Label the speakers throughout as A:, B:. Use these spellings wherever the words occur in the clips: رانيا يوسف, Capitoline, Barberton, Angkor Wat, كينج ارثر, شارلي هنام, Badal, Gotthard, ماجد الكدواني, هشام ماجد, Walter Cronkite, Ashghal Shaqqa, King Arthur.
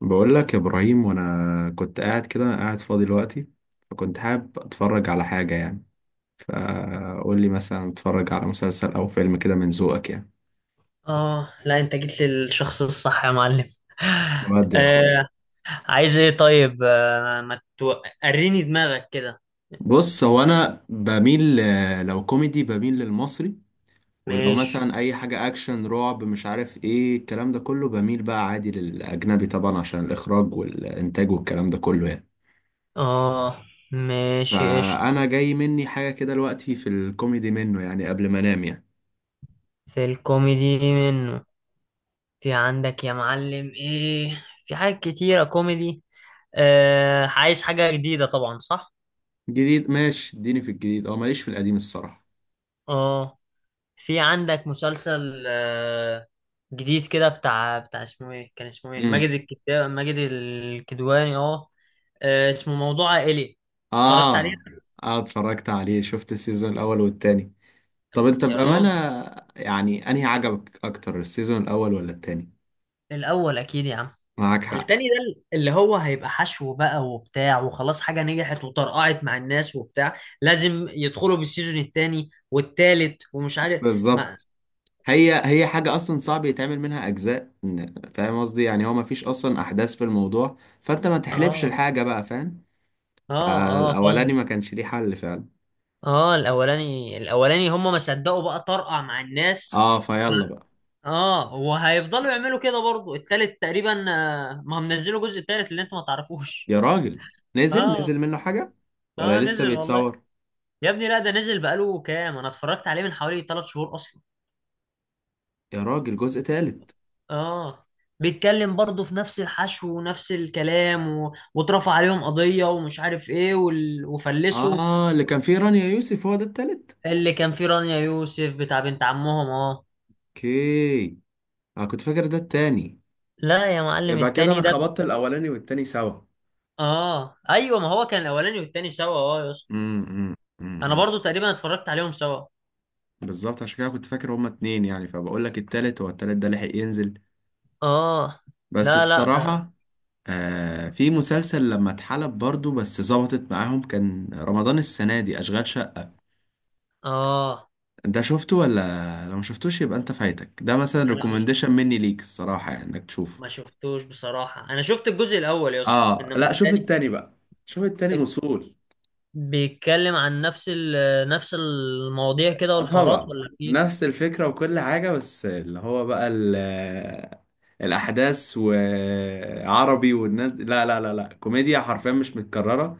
A: بقول لك يا ابراهيم، وانا كنت قاعد كده قاعد فاضي دلوقتي، فكنت حابب اتفرج على حاجه يعني. فقول لي مثلا اتفرج على مسلسل او فيلم كده من ذوقك يعني.
B: اه، لا انت جيت للشخص الصح يا معلم.
A: بجد يا اخويا.
B: آه، عايز ايه طيب؟ آه، ما تو... وريني دماغك كده.
A: بص، هو انا بميل لو كوميدي بميل للمصري، ولو
B: ماشي.
A: مثلا اي حاجه اكشن رعب مش عارف ايه الكلام ده كله بميل بقى عادي للاجنبي طبعا عشان الاخراج والانتاج والكلام ده كله يعني.
B: اه، ماشي قشطة.
A: فانا جاي مني حاجه كده دلوقتي في الكوميدي منه يعني، قبل ما انام يعني.
B: في الكوميدي منه. في عندك يا معلم ايه؟ في حاجات كتيرة كوميدي. آه، عايز حاجة جديدة طبعا، صح.
A: جديد ماشي، اديني في الجديد، اه ماليش في القديم الصراحة.
B: اه، في عندك مسلسل. آه، جديد كده، بتاع اسمه ايه؟ كان اسمه ايه؟ ماجد
A: امم
B: الكدواني. ماجد الكدواني. اه، آه، اسمه موضوع عائلي. اتفرجت
A: اه،
B: عليه.
A: اه اتفرجت عليه، شفت السيزون الاول والتاني. طب انت
B: يا
A: بأمانة،
B: راجل،
A: يعني انهي عجبك اكتر، السيزون الاول ولا التاني؟
B: الاول اكيد يا عم.
A: معاك حق.
B: التاني ده اللي هو هيبقى حشو بقى وبتاع، وخلاص حاجة نجحت وطرقعت مع الناس وبتاع، لازم يدخلوا بالسيزون التاني والتالت ومش عارف. ما،
A: بالظبط، هي حاجة اصلا صعب يتعمل منها اجزاء. فاهم قصدي يعني، هو مفيش اصلا احداث في الموضوع، فانت ما تحلبش
B: اه،
A: الحاجة بقى، فاهم.
B: اه، اه،
A: فالاولاني ما
B: فاهم.
A: كانش ليه حل فعلا.
B: اه، الاولاني هم ما صدقوا بقى، طرقع مع الناس.
A: اه فيلا بقى.
B: اه، وهيفضلوا يعملوا كده برضو التالت تقريبا. آه، ما هم نزلوا جزء التالت اللي انتوا ما تعرفوش.
A: يا راجل، نزل؟ نزل
B: اه،
A: منه حاجة ولا
B: اه،
A: لسه
B: نزل والله.
A: بيتصور؟
B: يا ابني لا، ده نزل بقاله كام، انا اتفرجت عليه من حوالي 3 شهور اصلا.
A: يا راجل، جزء تالت؟
B: اه، بيتكلم برضه في نفس الحشو ونفس الكلام واترفع عليهم قضية ومش عارف ايه وفلسوا.
A: اه اللي كان فيه رانيا يوسف هو ده التالت.
B: اللي كان فيه رانيا يوسف بتاع بنت عمهم، اه.
A: اوكي. انا كنت فاكر ده التاني.
B: لا يا معلم،
A: يبقى كده
B: التاني
A: انا
B: ده.
A: خبطت الاولاني والتاني سوا.
B: اه، ايوه، ما هو كان الاولاني والتاني سوا، اه يا اسطى.
A: امم
B: انا
A: امم
B: برضو تقريبا اتفرجت عليهم سوا.
A: بالظبط، عشان كده كنت فاكر هما اتنين يعني، فبقول لك التالت هو، التالت ده لحق ينزل؟
B: اه،
A: بس
B: لا لا.
A: الصراحة، آه في مسلسل لما اتحلب برضو بس ظبطت معاهم، كان رمضان السنة دي، أشغال شقة.
B: اه،
A: ده شفته ولا لو ما شفتوش يبقى انت فايتك، ده مثلا
B: لا، مش،
A: ريكومنديشن مني ليك الصراحة، يعني انك تشوفه.
B: ما شفتوش بصراحة، انا شفت الجزء الاول يا اسطى،
A: اه
B: انما
A: لا، شوف
B: التاني
A: التاني بقى، شوف التاني اصول.
B: بيتكلم عن نفس المواضيع كده والحوارات،
A: طبعا،
B: ولا في؟
A: نفس الفكرة وكل حاجة، بس اللي هو بقى الأحداث وعربي والناس دي، لا لا لا لا، كوميديا حرفيا مش متكررة.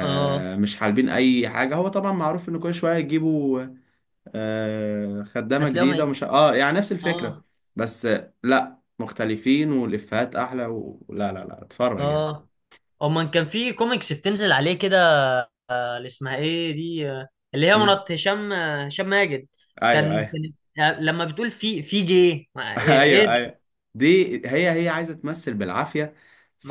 B: اه،
A: مش حالبين أي حاجة. هو طبعا معروف إن كل شوية يجيبوا آه خدامة
B: هتلاقيهم
A: جديدة
B: هي...
A: ومش اه، يعني نفس الفكرة
B: اه،
A: بس، لا مختلفين والإفيهات أحلى، ولا لا لا لا، اتفرج يعني.
B: اه، امال كان في كوميكس بتنزل عليه كده. آه، اللي اسمها ايه دي؟ آه، اللي هي
A: مم.
B: مرات هشام. آه، هشام ماجد.
A: أيوه
B: كان
A: أيوه.
B: كان- آه، لما بتقول في جي ايه؟ إيه
A: ايوه
B: ده؟
A: ايوه، دي هي عايزه تمثل بالعافيه،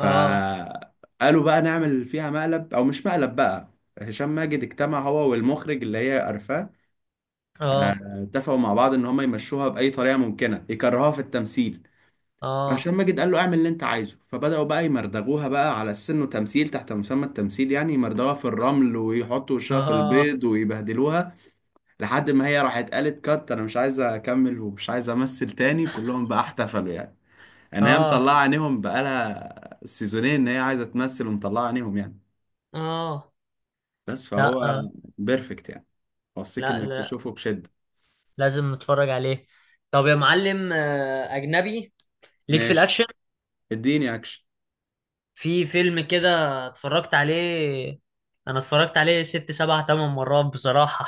B: اه،
A: بقى نعمل فيها مقلب، او مش مقلب بقى. هشام ماجد اجتمع هو والمخرج اللي هي قرفاه،
B: اه،
A: اتفقوا مع بعض ان هم يمشوها باي طريقه ممكنه يكرهوها في التمثيل.
B: اه،
A: فهشام ماجد قال له اعمل اللي انت عايزه، فبداوا بقى يمردغوها بقى على السن وتمثيل تحت مسمى التمثيل يعني، يمردغوها في الرمل ويحطوا وشها في
B: اه،
A: البيض ويبهدلوها، لحد ما هي راحت قالت كات، انا مش عايزه اكمل ومش عايزه امثل تاني. كلهم بقى احتفلوا يعني، ان هي
B: اه،
A: مطلعه عينيهم بقالها سيزونين ان هي عايزه تمثل، ومطلعه عينيهم يعني.
B: اه،
A: بس
B: لا،
A: فهو
B: آه،
A: بيرفكت يعني، اوصيك
B: لا
A: انك
B: لا،
A: تشوفه بشده.
B: لازم نتفرج عليه. طب يا معلم، آه، اجنبي ليك في
A: ماشي،
B: الاكشن.
A: اديني اكشن.
B: في فيلم كده اتفرجت عليه، انا اتفرجت عليه ست سبع تمن مرات بصراحة.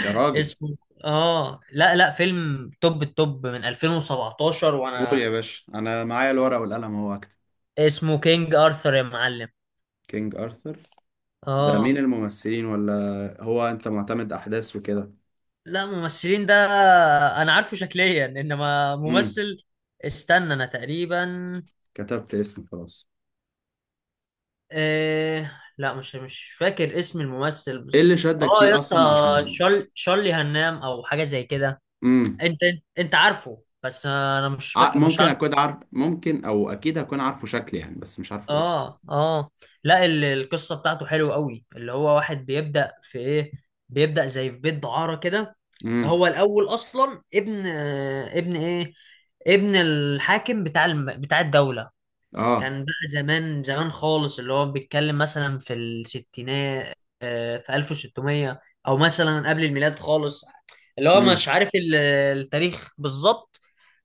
A: يا راجل،
B: اسمه، اه، لا لا، فيلم توب التوب من 2017
A: قول
B: وانا.
A: يا باشا، انا معايا الورقه والقلم اهو اكتب.
B: اسمه كينج ارثر يا معلم.
A: كينج ارثر. ده مين
B: اه،
A: الممثلين؟ ولا هو انت معتمد احداث وكده؟
B: لا، ممثلين ده انا عارفه شكليا انما
A: امم
B: ممثل، استنى انا تقريبا،
A: كتبت اسمه خلاص.
B: لا، مش فاكر اسم الممثل، بس
A: ايه اللي شدك
B: اه يا
A: فيه
B: اسطى،
A: اصلا عشان؟
B: شارلي هنام او حاجة زي كده.
A: امم
B: انت انت عارفه، بس انا مش فاكر، مش
A: ممكن
B: عارف.
A: اكون عارف، ممكن او اكيد هكون عارفه شكل يعني بس مش عارفه اسم.
B: اه، اه، لا القصه بتاعته حلوه قوي، اللي هو واحد بيبدا في ايه، بيبدا زي في بيت دعاره كده.
A: امم
B: هو الاول اصلا ابن، ابن ايه؟ ابن الحاكم بتاع بتاع الدوله.
A: اه.
B: كان بقى زمان زمان خالص، اللي هو بيتكلم مثلا في الستينات، آه، في 1600، او مثلا قبل الميلاد خالص، اللي هو مش عارف التاريخ بالظبط.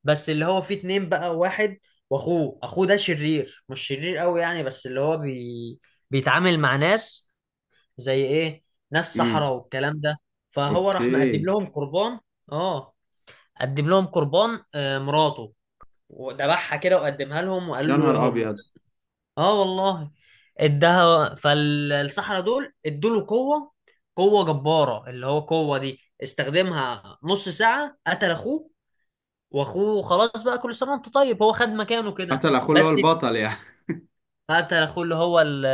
B: بس اللي هو فيه اتنين بقى، واحد واخوه. اخوه ده شرير، مش شرير قوي يعني، بس اللي هو بيتعامل مع ناس. زي ايه؟ ناس صحراء
A: امم
B: والكلام ده. فهو راح مقدم
A: اوكي.
B: لهم قربان. اه، قدم لهم قربان، آه، مراته، وذبحها كده وقدمها لهم وقال
A: يا نهار
B: لهم.
A: ابيض.
B: اه والله. اداها فالصحراء، دول ادوا له قوه، قوه جباره، اللي هو قوه دي استخدمها نص ساعه، قتل اخوه. واخوه خلاص بقى، كل سنه وانت طيب، هو خد مكانه كده.
A: قتل اخوه اللي هو
B: بس
A: البطل يعني؟
B: قتل اخوه اللي هو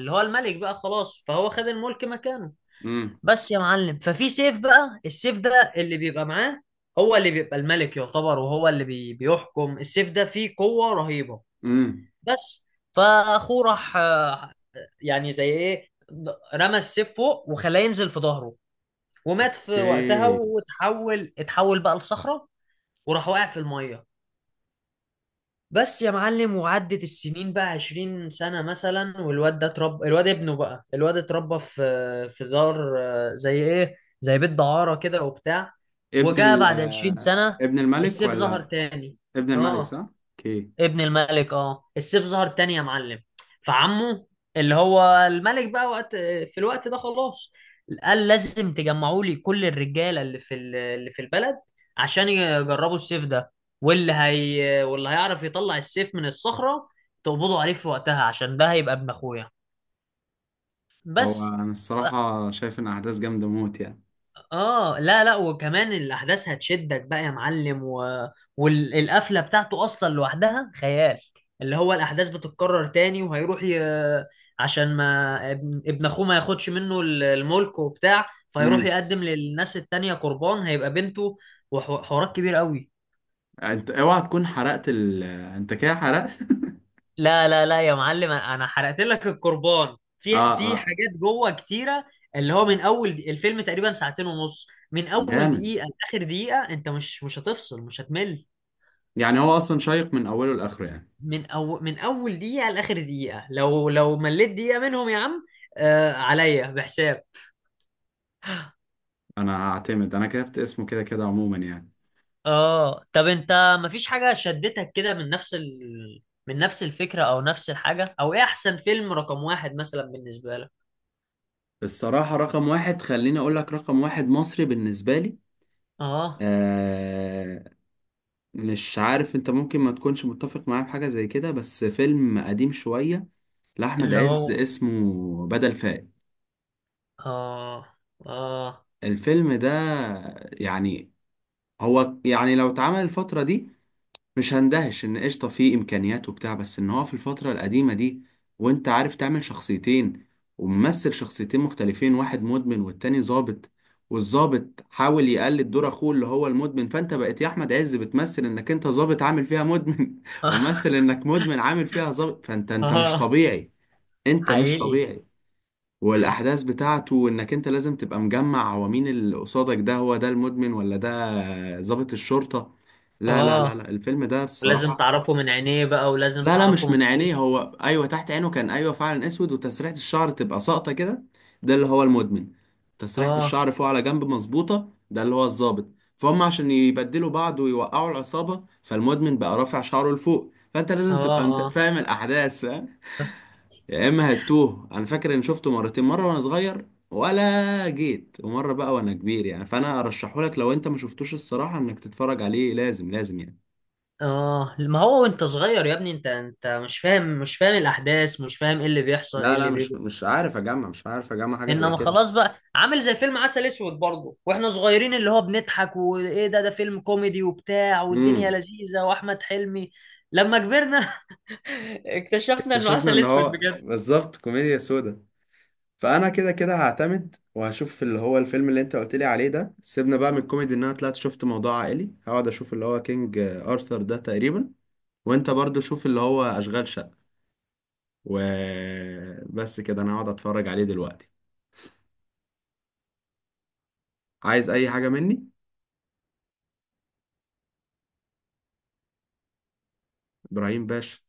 B: اللي هو الملك بقى خلاص، فهو خد الملك مكانه.
A: امم
B: بس يا معلم، ففي سيف بقى، السيف ده اللي بيبقى معاه هو اللي بيبقى الملك يعتبر، وهو اللي بيحكم. السيف ده فيه قوه رهيبه،
A: امم
B: بس. فاخوه راح، آه، يعني زي ايه، رمى السيف فوق وخلاه ينزل في ظهره، ومات في وقتها،
A: اوكي.
B: اتحول بقى لصخرة وراح واقع في المية، بس يا معلم. وعدت السنين بقى 20 سنة مثلا، والواد ده اتربى، الواد ابنه بقى، الواد اتربى في دار، آه، زي ايه، زي بيت دعارة كده وبتاع.
A: ابن
B: وجاء
A: ال
B: بعد 20
A: آه،
B: سنة
A: ابن الملك
B: السيف ظهر
A: ولا؟
B: تاني.
A: ابن الملك،
B: اه،
A: صح؟ اوكي.
B: ابن الملك، اه السيف ظهر تاني يا معلم. فعمه اللي هو الملك بقى وقت، في الوقت ده خلاص، قال لازم تجمعوا لي كل الرجاله اللي في اللي في البلد عشان يجربوا السيف ده، واللي هيعرف يطلع السيف من الصخره تقبضوا عليه في وقتها، عشان ده هيبقى ابن اخويا.
A: هو
B: بس.
A: انا الصراحه شايف ان احداث جامده موت يعني.
B: اه، لا لا، وكمان الاحداث هتشدك بقى يا معلم والقفله بتاعته اصلا لوحدها خيال، اللي هو الاحداث بتتكرر تاني، وهيروح عشان ما ابن اخوه ما ياخدش منه الملك وبتاع، فهيروح
A: امم
B: يقدم للناس التانية قربان، هيبقى بنته. وحوارات كبير قوي.
A: انت اوعى تكون حرقت ال آه، انت كده حرقت!
B: لا لا لا يا معلم، انا حرقت لك القربان
A: اه
B: في
A: اه.
B: حاجات جوه كتيره. اللي هو من اول الفيلم تقريبا ساعتين ونص، من اول
A: جامد،
B: دقيقه لاخر دقيقه انت مش هتفصل، مش هتمل.
A: يعني هو اصلا شيق من اوله لاخره يعني.
B: من أول، من أول دقيقة لآخر دقيقة، لو مليت دقيقة منهم يا عم، آه عليا بحساب.
A: انا هعتمد، انا كتبت اسمه كده كده عموما يعني.
B: اه، طب انت مفيش حاجة شدتك كده من من نفس الفكرة او نفس الحاجة، او ايه احسن فيلم رقم واحد مثلا بالنسبة لك؟
A: الصراحه رقم واحد، خليني اقول لك رقم واحد مصري بالنسبه لي.
B: اه،
A: آه، مش عارف انت ممكن ما تكونش متفق معايا في حاجة زي كده، بس فيلم قديم شوية لأحمد
B: اللي
A: عز
B: هو،
A: اسمه بدل فائت.
B: اه، اه،
A: الفيلم ده يعني، هو يعني لو اتعمل الفترة دي مش هندهش ان قشطه، فيه امكانيات وبتاع، بس ان هو في الفتره القديمه دي وانت عارف تعمل شخصيتين، وممثل شخصيتين مختلفين، واحد مدمن والتاني ظابط، والظابط حاول يقلد دور اخوه اللي هو المدمن، فانت بقيت يا احمد عز بتمثل انك انت ظابط عامل فيها مدمن وممثل انك مدمن عامل فيها ظابط، فانت مش
B: اه،
A: طبيعي. انت مش
B: حقيقي.
A: طبيعي. والاحداث بتاعته انك انت لازم تبقى مجمع هو مين اللي قصادك ده، هو ده المدمن ولا ده ظابط الشرطة؟ لا لا لا
B: اه،
A: لا، الفيلم ده
B: ولازم
A: الصراحة.
B: تعرفه من عينيه بقى، ولازم
A: لا لا،
B: تعرفه
A: مش من
B: من،
A: عينيه، هو ايوه تحت عينه كان ايوه فعلا اسود، وتسريحه الشعر تبقى ساقطه كده، ده اللي هو المدمن. تسريحه
B: اه،
A: الشعر فوق على جنب مظبوطه، ده اللي هو الضابط. فهم عشان يبدلوا بعض ويوقعوا العصابه، فالمدمن بقى رافع شعره لفوق، فانت
B: اه،
A: لازم تبقى انت
B: اه،
A: فاهم الاحداث، فاهم؟ يا اما هتوه. انا فاكر ان شفته مرتين، مره وانا صغير، ولا جيت ومره بقى وانا كبير يعني، فانا ارشحهولك لو انت ما شفتوش الصراحه انك تتفرج عليه، لازم لازم يعني.
B: اه. ما هو وانت صغير يا ابني، انت مش فاهم، مش فاهم الاحداث، مش فاهم ايه اللي بيحصل، ايه
A: لا لا،
B: اللي
A: مش
B: بيجي.
A: مش عارف اجمع، حاجه زي
B: انما
A: كده.
B: خلاص بقى، عامل زي فيلم عسل اسود برضه واحنا صغيرين، اللي هو بنضحك وايه ده، ده فيلم كوميدي وبتاع، والدنيا
A: امم
B: لذيذة واحمد حلمي. لما كبرنا اكتشفنا انه
A: اكتشفنا
B: عسل
A: ان هو
B: اسود.
A: بالظبط كوميديا سودا. فانا كده كده هعتمد وهشوف اللي هو الفيلم اللي انت قلت لي عليه ده، سيبنا بقى من الكوميدي، ان انا طلعت شفت موضوع عائلي، هقعد اشوف اللي هو كينج ارثر ده تقريبا. وانت برضو شوف اللي هو اشغال شقة. وبس كده، انا هقعد اتفرج عليه دلوقتي. عايز اي حاجة مني، ابراهيم باشا؟